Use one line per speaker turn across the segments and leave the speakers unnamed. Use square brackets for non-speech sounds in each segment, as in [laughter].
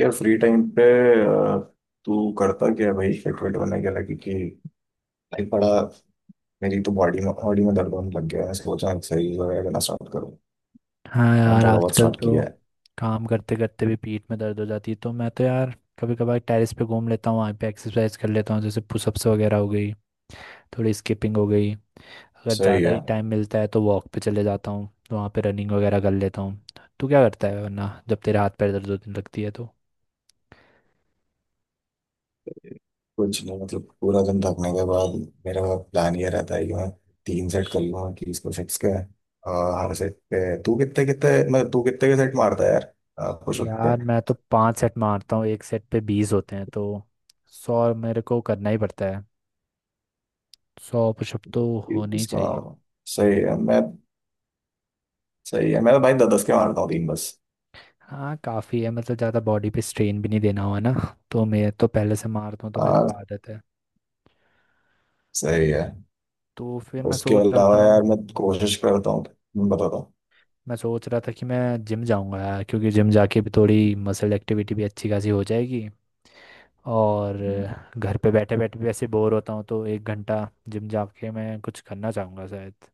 यार free time पे अ, तू करता क्या है भाई फिट वेट होने के लगी कि भाई। बड़ा मेरी तो बॉडी में दर्द होने लग गया है। सोचा एक्सरसाइज वगैरह करना स्टार्ट करूँ।
हाँ
मैंने
यार,
थोड़ा बहुत
आजकल
स्टार्ट
तो
किया है।
काम करते करते भी पीठ में दर्द हो जाती है। तो मैं तो यार कभी कभार टेरेस पे घूम लेता हूँ, वहाँ पे एक्सरसाइज कर लेता हूँ। जैसे पुशअप्स वगैरह हो गई, थोड़ी स्किपिंग हो गई। अगर
सही
ज़्यादा ही
है।
टाइम मिलता है तो वॉक पे चले जाता हूँ, तो वहाँ पे रनिंग वगैरह कर लेता हूँ। तू क्या करता है वरना जब तेरे हाथ पैर दर्द होने लगती है तो?
कुछ नहीं मतलब पूरा दिन थकने के बाद मेरा प्लान ये रहता है कि मैं तीन सेट कर लूँगा 30 पुशअप्स के। हर सेट पे तू कितने कितने मतलब तू कितने के सेट मारता है यार पुशअप पे।
यार मैं तो 5 सेट मारता हूँ। एक सेट पे 20 होते हैं, तो 100 मेरे को करना ही पड़ता है। 100 पुशअप तो होने ही
इसका
चाहिए।
सही है मैं सही है मैं तो भाई दस दस के मारता हूँ तीन बस।
हाँ, काफ़ी है। मतलब ज़्यादा बॉडी पे स्ट्रेन भी नहीं देना हुआ ना। तो मैं तो पहले से मारता हूँ तो मेरे को
हाँ।
आदत है।
सही है।
तो फिर मैं
उसके
सोच रहा था
अलावा यार मैं कोशिश करता हूँ। मैं बताता
मैं सोच रहा था कि मैं जिम जाऊँगा यार, क्योंकि जिम जाके भी थोड़ी मसल एक्टिविटी भी अच्छी खासी हो जाएगी। और
हूँ।
घर पे बैठे बैठे भी वैसे बोर होता हूँ, तो एक घंटा जिम जाके मैं कुछ करना चाहूँगा शायद।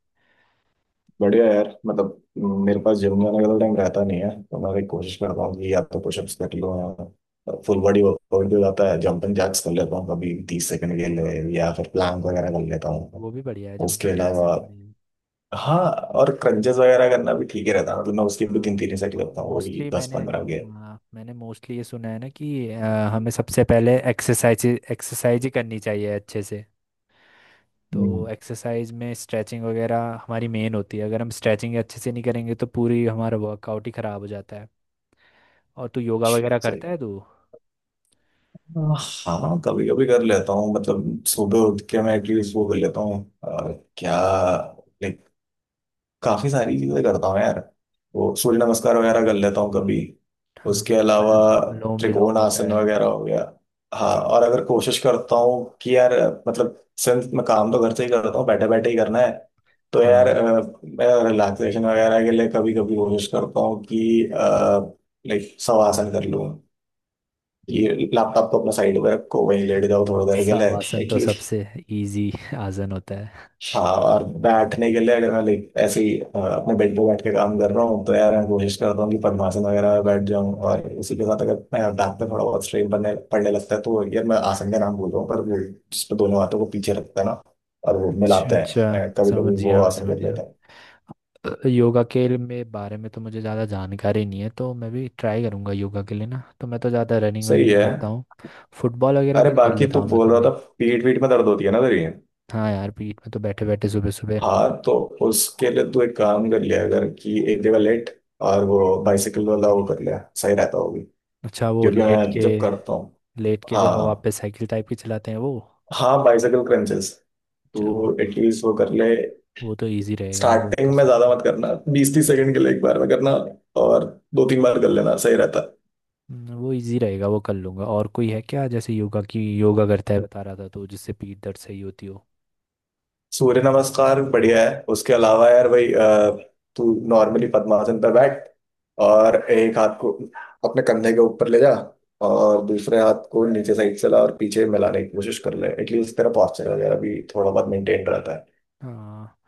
बढ़िया यार मतलब मेरे पास जिम जाने का टाइम रहता नहीं है, तो मैं भी कोशिश करता हूँ कि या तो पुशअप्स कर लो या फुल बॉडी वर्कआउट भी हो जाता है। जंपिंग जैक्स कर लेता हूँ कभी 30 सेकंड के लिए, या फिर प्लैंक
हम्म।
वगैरह कर लेता हूँ।
वो भी बढ़िया है।
उसके
जंपिंग जैक्स
अलावा
भी बढ़िया।
हाँ, और क्रंचेस वगैरह करना भी ठीक ही रहता है। मतलब मैं उसकी भी तीन
हाँ
तीन सेट करता हूँ, वो भी
मोस्टली
दस
मैंने
पंद्रह के।
हाँ, मैंने मोस्टली ये सुना है ना कि हमें सबसे पहले एक्सरसाइज एक्सरसाइज ही करनी चाहिए अच्छे से।
हम्म,
तो एक्सरसाइज में स्ट्रेचिंग वगैरह हमारी मेन होती है। अगर हम स्ट्रेचिंग अच्छे से नहीं करेंगे तो पूरी हमारा वर्कआउट ही ख़राब हो जाता है। और तू योगा वगैरह करता है
सही।
तू?
हाँ कभी कभी कर लेता हूँ, मतलब सुबह उठ के मैं एटलीस्ट वो कर लेता हूँ। अ, क्या लाइक काफी सारी चीजें करता हूँ यार। वो सूर्य नमस्कार वगैरह कर लेता हूँ कभी।
हाँ,
उसके अलावा
अल- अनुलोम विलोम
त्रिकोण
होता
आसन
है।
वगैरह हो गया। हाँ और अगर कोशिश करता हूँ कि यार मतलब सिंस मैं काम तो घर से ही करता हूँ बैठे बैठे ही करना है। तो यार
हाँ,
मैं रिलैक्सेशन वगैरह के लिए कभी कभी कोशिश करता हूँ कि लाइक शवासन कर लूँ। ये लैपटॉप तो अपना साइड में रखो, वहीं लेट जाओ थोड़ी देर के लिए
शवासन तो
एटलीस्ट।
सबसे इजी आसन होता है।
हाँ और बैठने के लिए अगर मैं लाइक ऐसे ही अपने बेड पे बैठ के काम कर रहा हूँ तो यार मैं कोशिश करता हूँ कि पद्मासन वगैरह में बैठ जाऊँ, और उसी के साथ अगर मैं बैक पे थोड़ा बहुत स्ट्रेन बनने पड़ने लगता है तो यार मैं आसन का नाम बोल रहा हूँ पर वो जिसपे दोनों हाथों को पीछे रखता है ना, और वो
[laughs] अच्छा
मिलाते
अच्छा,
हैं, कभी कभी
समझ
वो
गया, मैं
आसन
समझ
कर
गया।
लेते हैं।
योगा के में बारे में तो मुझे ज़्यादा जानकारी नहीं है, तो मैं भी ट्राई करूँगा। योगा के लिए ना तो मैं तो ज़्यादा रनिंग
सही
वनिंग
है।
करता हूँ। फुटबॉल वगैरह
अरे
भी खेल
बाकी
लेता
तू
हूँ मैं
बोल रहा था
कभी।
पीठ पीठ में दर्द होती है ना तेरी।
हाँ यार, पीठ में तो बैठे बैठे सुबह सुबह।
हाँ तो उसके लिए तू एक काम कर लिया अगर कि एक जगह लेट, और वो बाइसाइकिल वाला वो कर लिया सही रहता होगी।
अच्छा, वो
क्योंकि
लेट
मैं
के
जब करता हूँ
लेट के जो हवा
हाँ।
पे साइकिल टाइप की चलाते हैं वो?
हाँ बाइसाइकिल क्रंचेस,
चलो, वो
तो एटलीस्ट वो कर ले।
वो तो इजी रहेगा। हाँ वो
स्टार्टिंग
कर
में
सकते
ज्यादा
हैं।
मत करना, 20-30 सेकंड के लिए एक बार में करना और दो तीन बार कर लेना सही रहता।
वो इजी रहेगा, वो कर लूँगा। और कोई है क्या, जैसे योगा की, योगा करता है बता रहा था, तो जिससे पीठ दर्द सही होती हो?
सूर्य नमस्कार बढ़िया है। उसके अलावा यार भाई तू नॉर्मली पद्मासन पर बैठ और एक हाथ को अपने कंधे के ऊपर ले जा और दूसरे हाथ को नीचे साइड से ला और पीछे मिलाने की कोशिश कर ले। एटलीस्ट तेरा पॉस्चर वगैरह भी थोड़ा बहुत मेंटेन रहता है।
हाँ।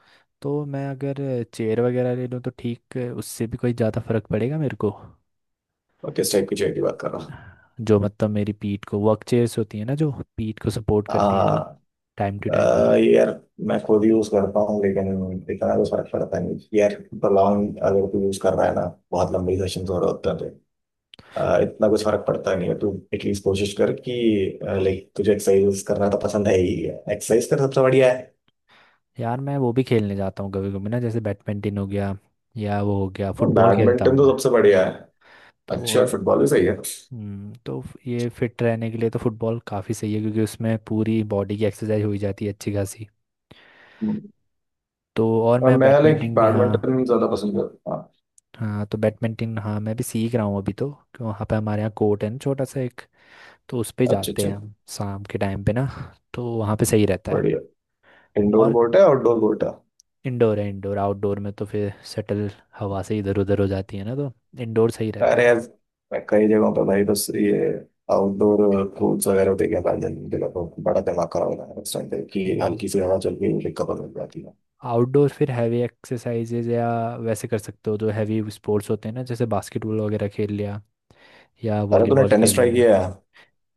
तो मैं अगर चेयर वगैरह ले लूँ तो ठीक, उससे भी कोई ज़्यादा फर्क पड़ेगा मेरे को?
और किस टाइप की चेयर की बात कर रहा हूँ।
जो मतलब मेरी पीठ को, वर्क चेयर्स होती है ना जो पीठ को सपोर्ट करती है, जो
हाँ।
Time to time.
ये यार मैं खुद यूज करता हूँ लेकिन इतना तो फर्क पड़ता नहीं यार। लॉन्ग अगर तू यूज कर रहा है ना, बहुत लंबी सेशन हो रहे होते हैं तो। इतना कुछ फर्क पड़ता नहीं है। तू एटलीस्ट कोशिश कर कि लाइक तुझे एक्सरसाइज करना तो पसंद है ही है, एक्सरसाइज कर सबसे बढ़िया है।
यार मैं वो भी खेलने जाता हूँ कभी कभी ना। जैसे बैडमिंटन हो गया, या वो हो गया, फुटबॉल खेलता
बैडमिंटन
हूँ
तो
मैं।
सबसे
हाँ,
बढ़िया है। अच्छा है,
तो।
फुटबॉल भी सही है।
तो ये फिट रहने के लिए तो फुटबॉल काफ़ी सही है, क्योंकि उसमें पूरी बॉडी की एक्सरसाइज हो ही जाती है अच्छी खासी। तो और
और
मैं
मैं लाइक
बैडमिंटन भी, हाँ।
बैडमिंटन ज्यादा पसंद करता हूँ।
हाँ, तो बैडमिंटन, हाँ मैं भी सीख रहा हूँ अभी। तो क्यों, वहाँ पे हमारे यहाँ कोर्ट है ना, छोटा सा एक। तो उस पे
हाँ, अच्छा
जाते
अच्छा।
हैं हम शाम के टाइम पे ना, तो वहाँ पे सही रहता है।
बढ़िया। इंडोर
और
कोर्ट है आउटडोर कोर्ट है।
इंडोर है। इंडोर आउटडोर में तो फिर शटल हवा से इधर उधर हो जाती है ना, तो इंडोर सही रहता है।
अरे यार मैं कई जगहों पर भाई बस ये आउटडोर कोर्ट्स वगैरह होते हैं बैडमिंटन के लिए तो बड़ा दिमाग खराब हो रहा है उस टाइम पे कि
हम्म।
हल्की सी हवा चल के कवर मिल जाती है।
आउटडोर फिर हैवी एक्सरसाइजेज या वैसे कर सकते हो। जो हैवी स्पोर्ट्स होते हैं ना, जैसे बास्केटबॉल वगैरह खेल लिया, या
अरे तूने
वॉलीबॉल
टेनिस
खेल
ट्राई
लिया।
किया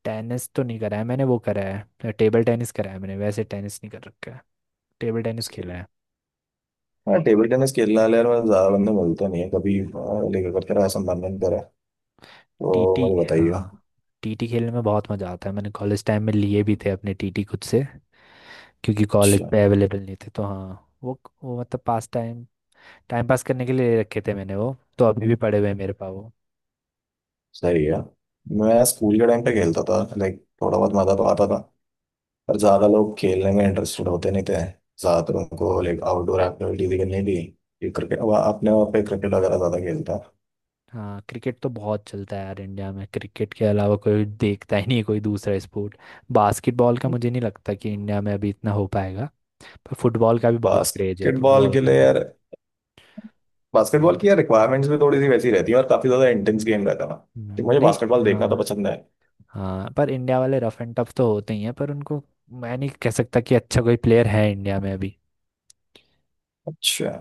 टेनिस तो नहीं करा है मैंने, वो करा है। टेबल टेनिस करा है मैंने, वैसे टेनिस नहीं कर रखा है। टेबल टेनिस खेला
है।
है।
हाँ टेबल टेनिस खेलने वाले यार मैं ज्यादा बंदे मिलते नहीं है कभी। हाँ, लेकर करते रहा संबंधन करा तो
टीटी,
मुझे बताइए।
हाँ। टीटी खेलने में बहुत मज़ा आता है। मैंने कॉलेज टाइम में लिए भी थे अपने टीटी खुद से, क्योंकि कॉलेज
अच्छा
पे अवेलेबल नहीं थे। तो हाँ, वो मतलब पास टाइम, टाइम पास करने के लिए रखे थे मैंने। वो तो अभी भी पड़े हुए हैं मेरे पास वो।
सही है। मैं स्कूल के टाइम पे खेलता था लाइक थोड़ा बहुत मजा तो आता था, पर ज्यादा लोग खेलने में इंटरेस्टेड होते नहीं थे। ज्यादातर उनको लाइक आउटडोर एक्टिविटीज करनी थी। ये क्रिकेट, अपने वहाँ पे क्रिकेट वगैरह ज्यादा खेलता।
हाँ, क्रिकेट तो बहुत चलता है यार इंडिया में। क्रिकेट के अलावा कोई देखता ही नहीं है, कोई दूसरा स्पोर्ट। बास्केटबॉल का मुझे नहीं लगता कि इंडिया में अभी इतना हो पाएगा। पर फुटबॉल का भी बहुत क्रेज है,
बास्केटबॉल
फुटबॉल
के
का
लिए
भी।
यार, बास्केटबॉल
हम्म,
की यार रिक्वायरमेंट्स भी थोड़ी सी वैसी रहती है और काफी ज्यादा इंटेंस गेम रहता है ना। तो मुझे
नहीं।
बास्केटबॉल देखना तो
हाँ
पसंद है।
हाँ, पर इंडिया वाले रफ एंड टफ तो होते ही हैं, पर उनको मैं नहीं कह सकता कि अच्छा कोई प्लेयर है इंडिया में अभी।
अच्छा।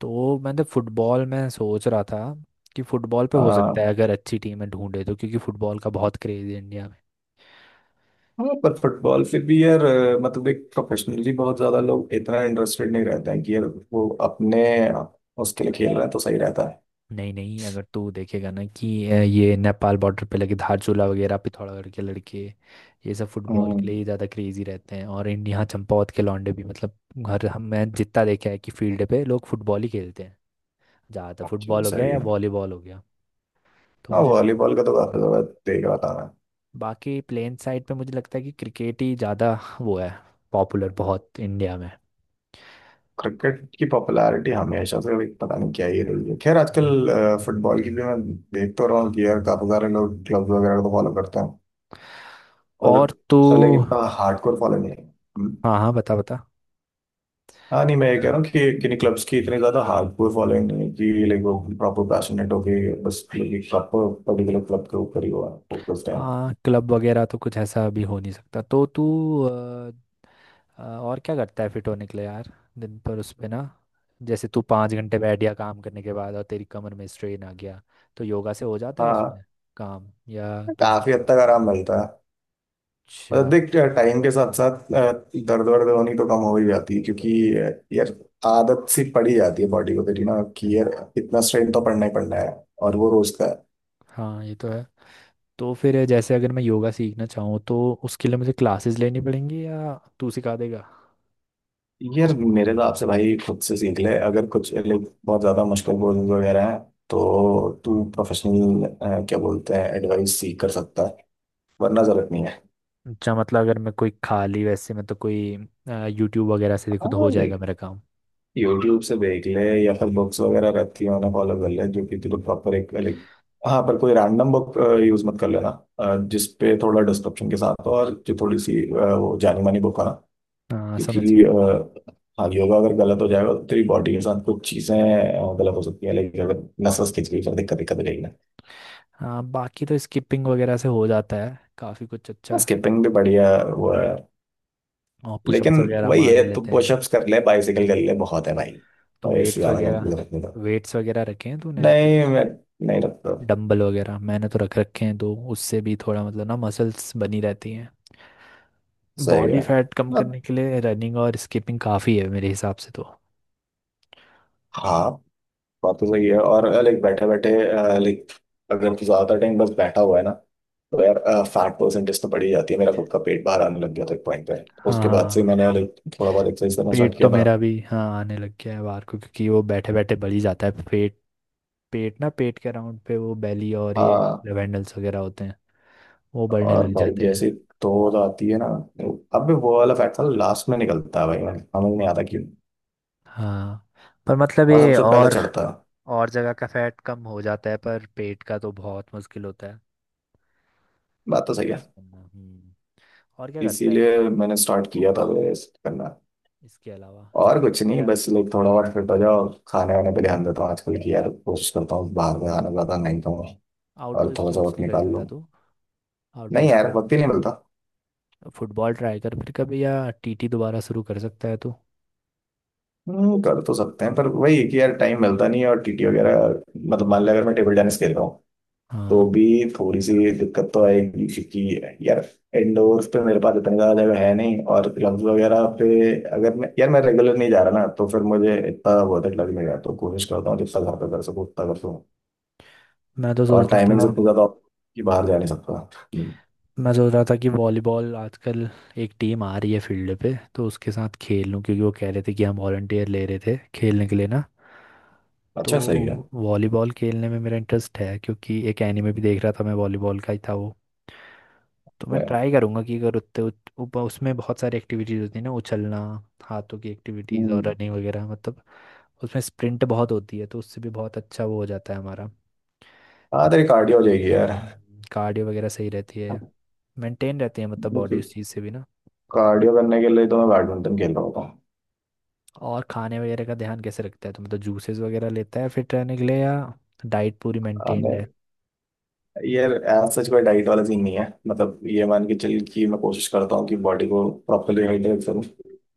तो मैं तो फुटबॉल में सोच रहा था कि फुटबॉल पे हो सकता है अगर अच्छी टीमें ढूंढे, तो क्योंकि फुटबॉल का बहुत क्रेज है इंडिया में।
हाँ पर फुटबॉल फिर भी यार मतलब एक प्रोफेशनली बहुत ज्यादा लोग इतना इंटरेस्टेड नहीं रहते हैं कि यार वो अपने उसके लिए खेल रहा है तो सही रहता है।
नहीं नहीं, अगर तू देखेगा ना कि ये नेपाल बॉर्डर पे लगे धारचूला वगैरह पिथौरागढ़ के लड़के, ये सब फुटबॉल के
हम्म।
लिए ही ज़्यादा क्रेजी रहते हैं। और यहाँ चंपावत के लौंडे भी, मतलब घर हम मैं जितना देखा है कि फील्ड पे लोग फुटबॉल ही खेलते हैं। ज़्यादातर
चलो
फुटबॉल हो गया,
सही
या
है।
वॉलीबॉल हो गया। तो
हाँ
मुझे लगता
वॉलीबॉल का तो काफी ज्यादा देख रहा था मैं।
बाकी, प्लेन साइड पे मुझे लगता है कि क्रिकेट ही ज़्यादा वो है, पॉपुलर बहुत इंडिया में।
क्रिकेट की पॉपुलैरिटी हमेशा से एक पता नहीं क्या ही रही है, खैर
हम्म।
आजकल फुटबॉल की भी मैं देख तो रहा हूँ कि यार काफी सारे लोग क्लब वगैरह को फॉलो करते हैं, पर
और तो।
लेकिन इतना हार्डकोर फॉलो नहीं है।
हाँ हाँ, बता बता।
हाँ नहीं मैं ये कह रहा हूँ कि किन्हीं क्लब्स की इतनी ज्यादा हार्डकोर फॉलोइंग नहीं है कि लाइक वो प्रॉपर पैशनेट हो गई, बस प्रॉपर पर्टिकुलर क्लब के ऊपर ही हुआ फोकस्ड है।
हाँ, क्लब वगैरह तो कुछ ऐसा अभी हो नहीं सकता। तो तू, अ, और क्या करता है फिट होने के लिए यार? दिन पर उस पे ना, जैसे तू 5 घंटे बैठ गया काम करने के बाद और तेरी कमर में स्ट्रेन आ गया, तो योगा से हो जाता है
हाँ,
उसमें काम, या दूसरा?
काफी हद तक आराम मिलता है। मतलब
अच्छा।
देख, टाइम के साथ साथ दर्द वर्द होनी तो कम हो ही जाती है क्योंकि यार आदत सी पड़ी जाती है बॉडी को तेरी ना, कि यार इतना स्ट्रेन तो पड़ना ही पड़ना है और वो रोज का है।
हाँ ये तो है। तो फिर जैसे अगर मैं योगा सीखना चाहूँ तो उसके लिए मुझे क्लासेस लेनी पड़ेंगी, या तू सिखा देगा?
यार मेरे हिसाब से भाई खुद से सीख ले, अगर कुछ लाइक बहुत ज्यादा मुश्किल कोर्सेज वगैरह हैं तो तू प्रोफेशनल क्या बोलते हैं एडवाइस सीख कर सकता है, वरना जरूरत नहीं है।
अच्छा, मतलब अगर मैं कोई खाली वैसे, मैं तो कोई यूट्यूब वगैरह से देखूँ तो
हाँ
हो जाएगा
लाइक
मेरा काम?
यूट्यूब से देख ले, या फिर बुक्स वगैरह रहती है उन्हें फॉलो कर ले जो कि तुझे प्रॉपर एक लाइक। हाँ पर कोई रैंडम बुक यूज मत कर लेना। जिस पे थोड़ा डिस्क्रिप्शन के साथ हो और जो थोड़ी सी वो जानी मानी बुक हो ना।
हाँ, समझ
क्योंकि
गया।
हाँ योगा अगर गलत हो जाएगा तो तेरी बॉडी के साथ कुछ चीजें गलत हो सकती है, लेकिन अगर नसों खिंच गई फिर दिक्कत दिक्कत हो जाएगी ना।
हाँ, बाकी तो स्किपिंग वगैरह से हो जाता है काफ़ी कुछ अच्छा।
स्किपिंग भी बढ़िया वो है।
और पुशअप्स
लेकिन
वगैरह
वही
मार
है,
ही
तू
लेते हैं।
पुशअप्स कर ले बाइसिकल
हम्म,
कर ले बहुत है भाई,
तो
और इससे
वेट्स
ज्यादा करने की
वगैरह
जरूरत नहीं।
वेट्स वगैरह रखे हैं तूने
नहीं।
कुछ?
मैं नहीं रखता।
डंबल वगैरह मैंने तो रख रखे हैं, तो उससे भी थोड़ा मतलब ना मसल्स बनी रहती हैं।
सही
बॉडी
है
फैट कम
मतलब,
करने के लिए रनिंग और स्किपिंग काफ़ी है मेरे हिसाब से तो।
हाँ बात तो सही है। और लाइक बैठे बैठे लाइक अगर तू ज्यादा टाइम बस बैठा हुआ है ना तो यार फैट परसेंटेज तो बढ़ ही जाती है। मेरा खुद का पेट बाहर आने लग गया था एक पॉइंट पे।
हाँ
उसके बाद से
हाँ,
मैंने लाइक थोड़ा बहुत एक्सरसाइज करना
पेट
स्टार्ट
तो
किया था।
मेरा भी हाँ आने लग गया है बाहर को, क्योंकि वो बैठे बैठे बढ़ ही जाता है पेट। पेट ना, पेट के अराउंड पे वो बेली और ये
हाँ
लेवेंडल्स वगैरह होते हैं, वो बढ़ने
और
लग
भाई
जाते हैं।
जैसे तोड़ आती है ना, अब भी वो वाला फैट ना लास्ट में निकलता है भाई, मैंने समझ नहीं आता क्यों।
हाँ, पर मतलब
और
ये,
सबसे पहले
और
चढ़ता है।
और जगह का फैट कम हो जाता है पर पेट का तो बहुत मुश्किल होता है
बात तो सही है।
Reduce करना। और क्या करता है तू
इसीलिए मैंने स्टार्ट किया था करना।
इसके अलावा,
और
स्पोर्ट्स
कुछ नहीं,
वगैरह?
बस लाइक थोड़ा बहुत फिट हो जाओ खाने वाने पे ध्यान देता हूँ आजकल की यार, कोशिश करता हूँ बाहर का खाना ज्यादा नहीं खाऊं, और
आउटडोर
थोड़ा सा
स्पोर्ट्स
वक्त
नहीं
निकाल
खेलता
लूँ।
तू?
नहीं यार
आउटडोर
वक्त ही नहीं मिलता।
फुटबॉल ट्राई कर फिर कभी, या टीटी दोबारा शुरू कर सकता है तू।
कर तो सकते हैं पर वही है कि यार टाइम मिलता नहीं है। और TT वगैरह मतलब मान लिया अगर मैं टेबल टेनिस खेल रहा हूँ तो
हाँ,
भी थोड़ी सी दिक्कत तो आएगी क्योंकि यार इंडोर पे मेरे पास इतनी ज्यादा जगह है नहीं और क्लब्स वगैरह पे अगर मैं यार मैं रेगुलर नहीं जा रहा ना तो फिर मुझे इतना बहुत लग नहीं रहा, तो कोशिश करता हूँ जितना घर पे कर सकूँ उतना कर।
मैं तो
और
सोच रहा
टाइमिंग से
था
इतना ज्यादा off कि बाहर जा नहीं सकता। हम्म,
मैं सोच रहा था कि वॉलीबॉल आजकल एक टीम आ रही है फील्ड पे, तो उसके साथ खेल लूँ, क्योंकि वो कह रहे थे कि हम वॉलंटियर ले रहे थे खेलने के लिए ना।
अच्छा सही है।
तो वॉलीबॉल खेलने में मेरा इंटरेस्ट है, क्योंकि एक एनिमे भी देख रहा था मैं, वॉलीबॉल का ही था वो। तो मैं ट्राई करूँगा कि अगर उसमें बहुत सारी एक्टिविटीज़ होती है ना, उछलना, हाथों की एक्टिविटीज़ और
हम्म,
रनिंग वगैरह। मतलब उसमें स्प्रिंट बहुत होती है, तो उससे भी बहुत अच्छा वो हो जाता है हमारा।
हाँ तेरी कार्डियो हो जाएगी यार।
कार्डियो वगैरह सही रहती है, मेंटेन रहती है, मतलब बॉडी उस चीज़ से भी ना।
कार्डियो करने के लिए तो मैं बैडमिंटन खेल रहा होता हूँ।
और खाने वगैरह का ध्यान कैसे रखता है तो? मतलब जूसेस वगैरह लेता है फिट रहने के लिए, या डाइट पूरी
हाँ, मैं
मेंटेन्ड है?
यार एज सच कोई डाइट वाला सीन नहीं है। मतलब ये मान के चल कि मैं कोशिश करता हूँ कि बॉडी को प्रॉपरली हाइड्रेट करूँ,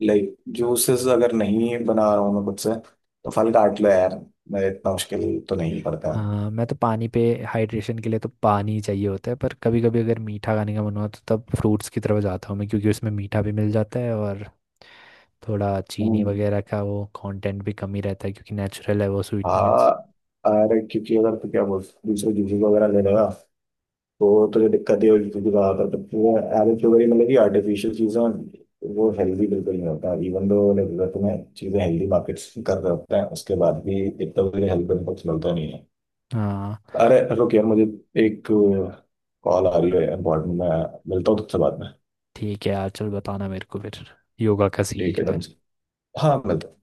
लाइक जूसेस अगर नहीं बना रहा हूँ मैं खुद से तो फल काट लो यार, मैं इतना मुश्किल तो नहीं करता हूँ।
हाँ, मैं तो पानी पे, हाइड्रेशन के लिए तो पानी ही चाहिए होता है। पर कभी कभी अगर मीठा खाने का मन हो तो तब फ्रूट्स की तरफ जाता हूँ मैं, क्योंकि उसमें मीठा भी मिल जाता है और थोड़ा चीनी
हम्म,
वगैरह का वो कंटेंट भी कम ही रहता है क्योंकि नेचुरल है वो स्वीटनेस।
हाँ। अरे क्योंकि अगर तो क्या बोल दूसरे जूसेस वगैरह ले लेगा तो जो दिक्कत है वो रहा था तो पूरा एवरेज शुगर ही, मतलब कि आर्टिफिशियल चीज़ें वो हेल्दी बिल्कुल नहीं होता। इवन दो लाइक अगर तुम्हें चीज़ें हेल्दी मार्केट्स कर रहे होते हैं उसके बाद भी इतना तो मुझे हेल्थ बेनिफिट्स मिलता नहीं है।
हाँ,
अरे रुक यार, मुझे एक कॉल आ रही है इम्पोर्टेंट। मैं मिलता हूँ तुझसे बाद में।
ठीक है यार, चल बताना मेरे को फिर योगा का सीन
ठीक है
क्या
डन
है।
से। हाँ मिलता हूँ।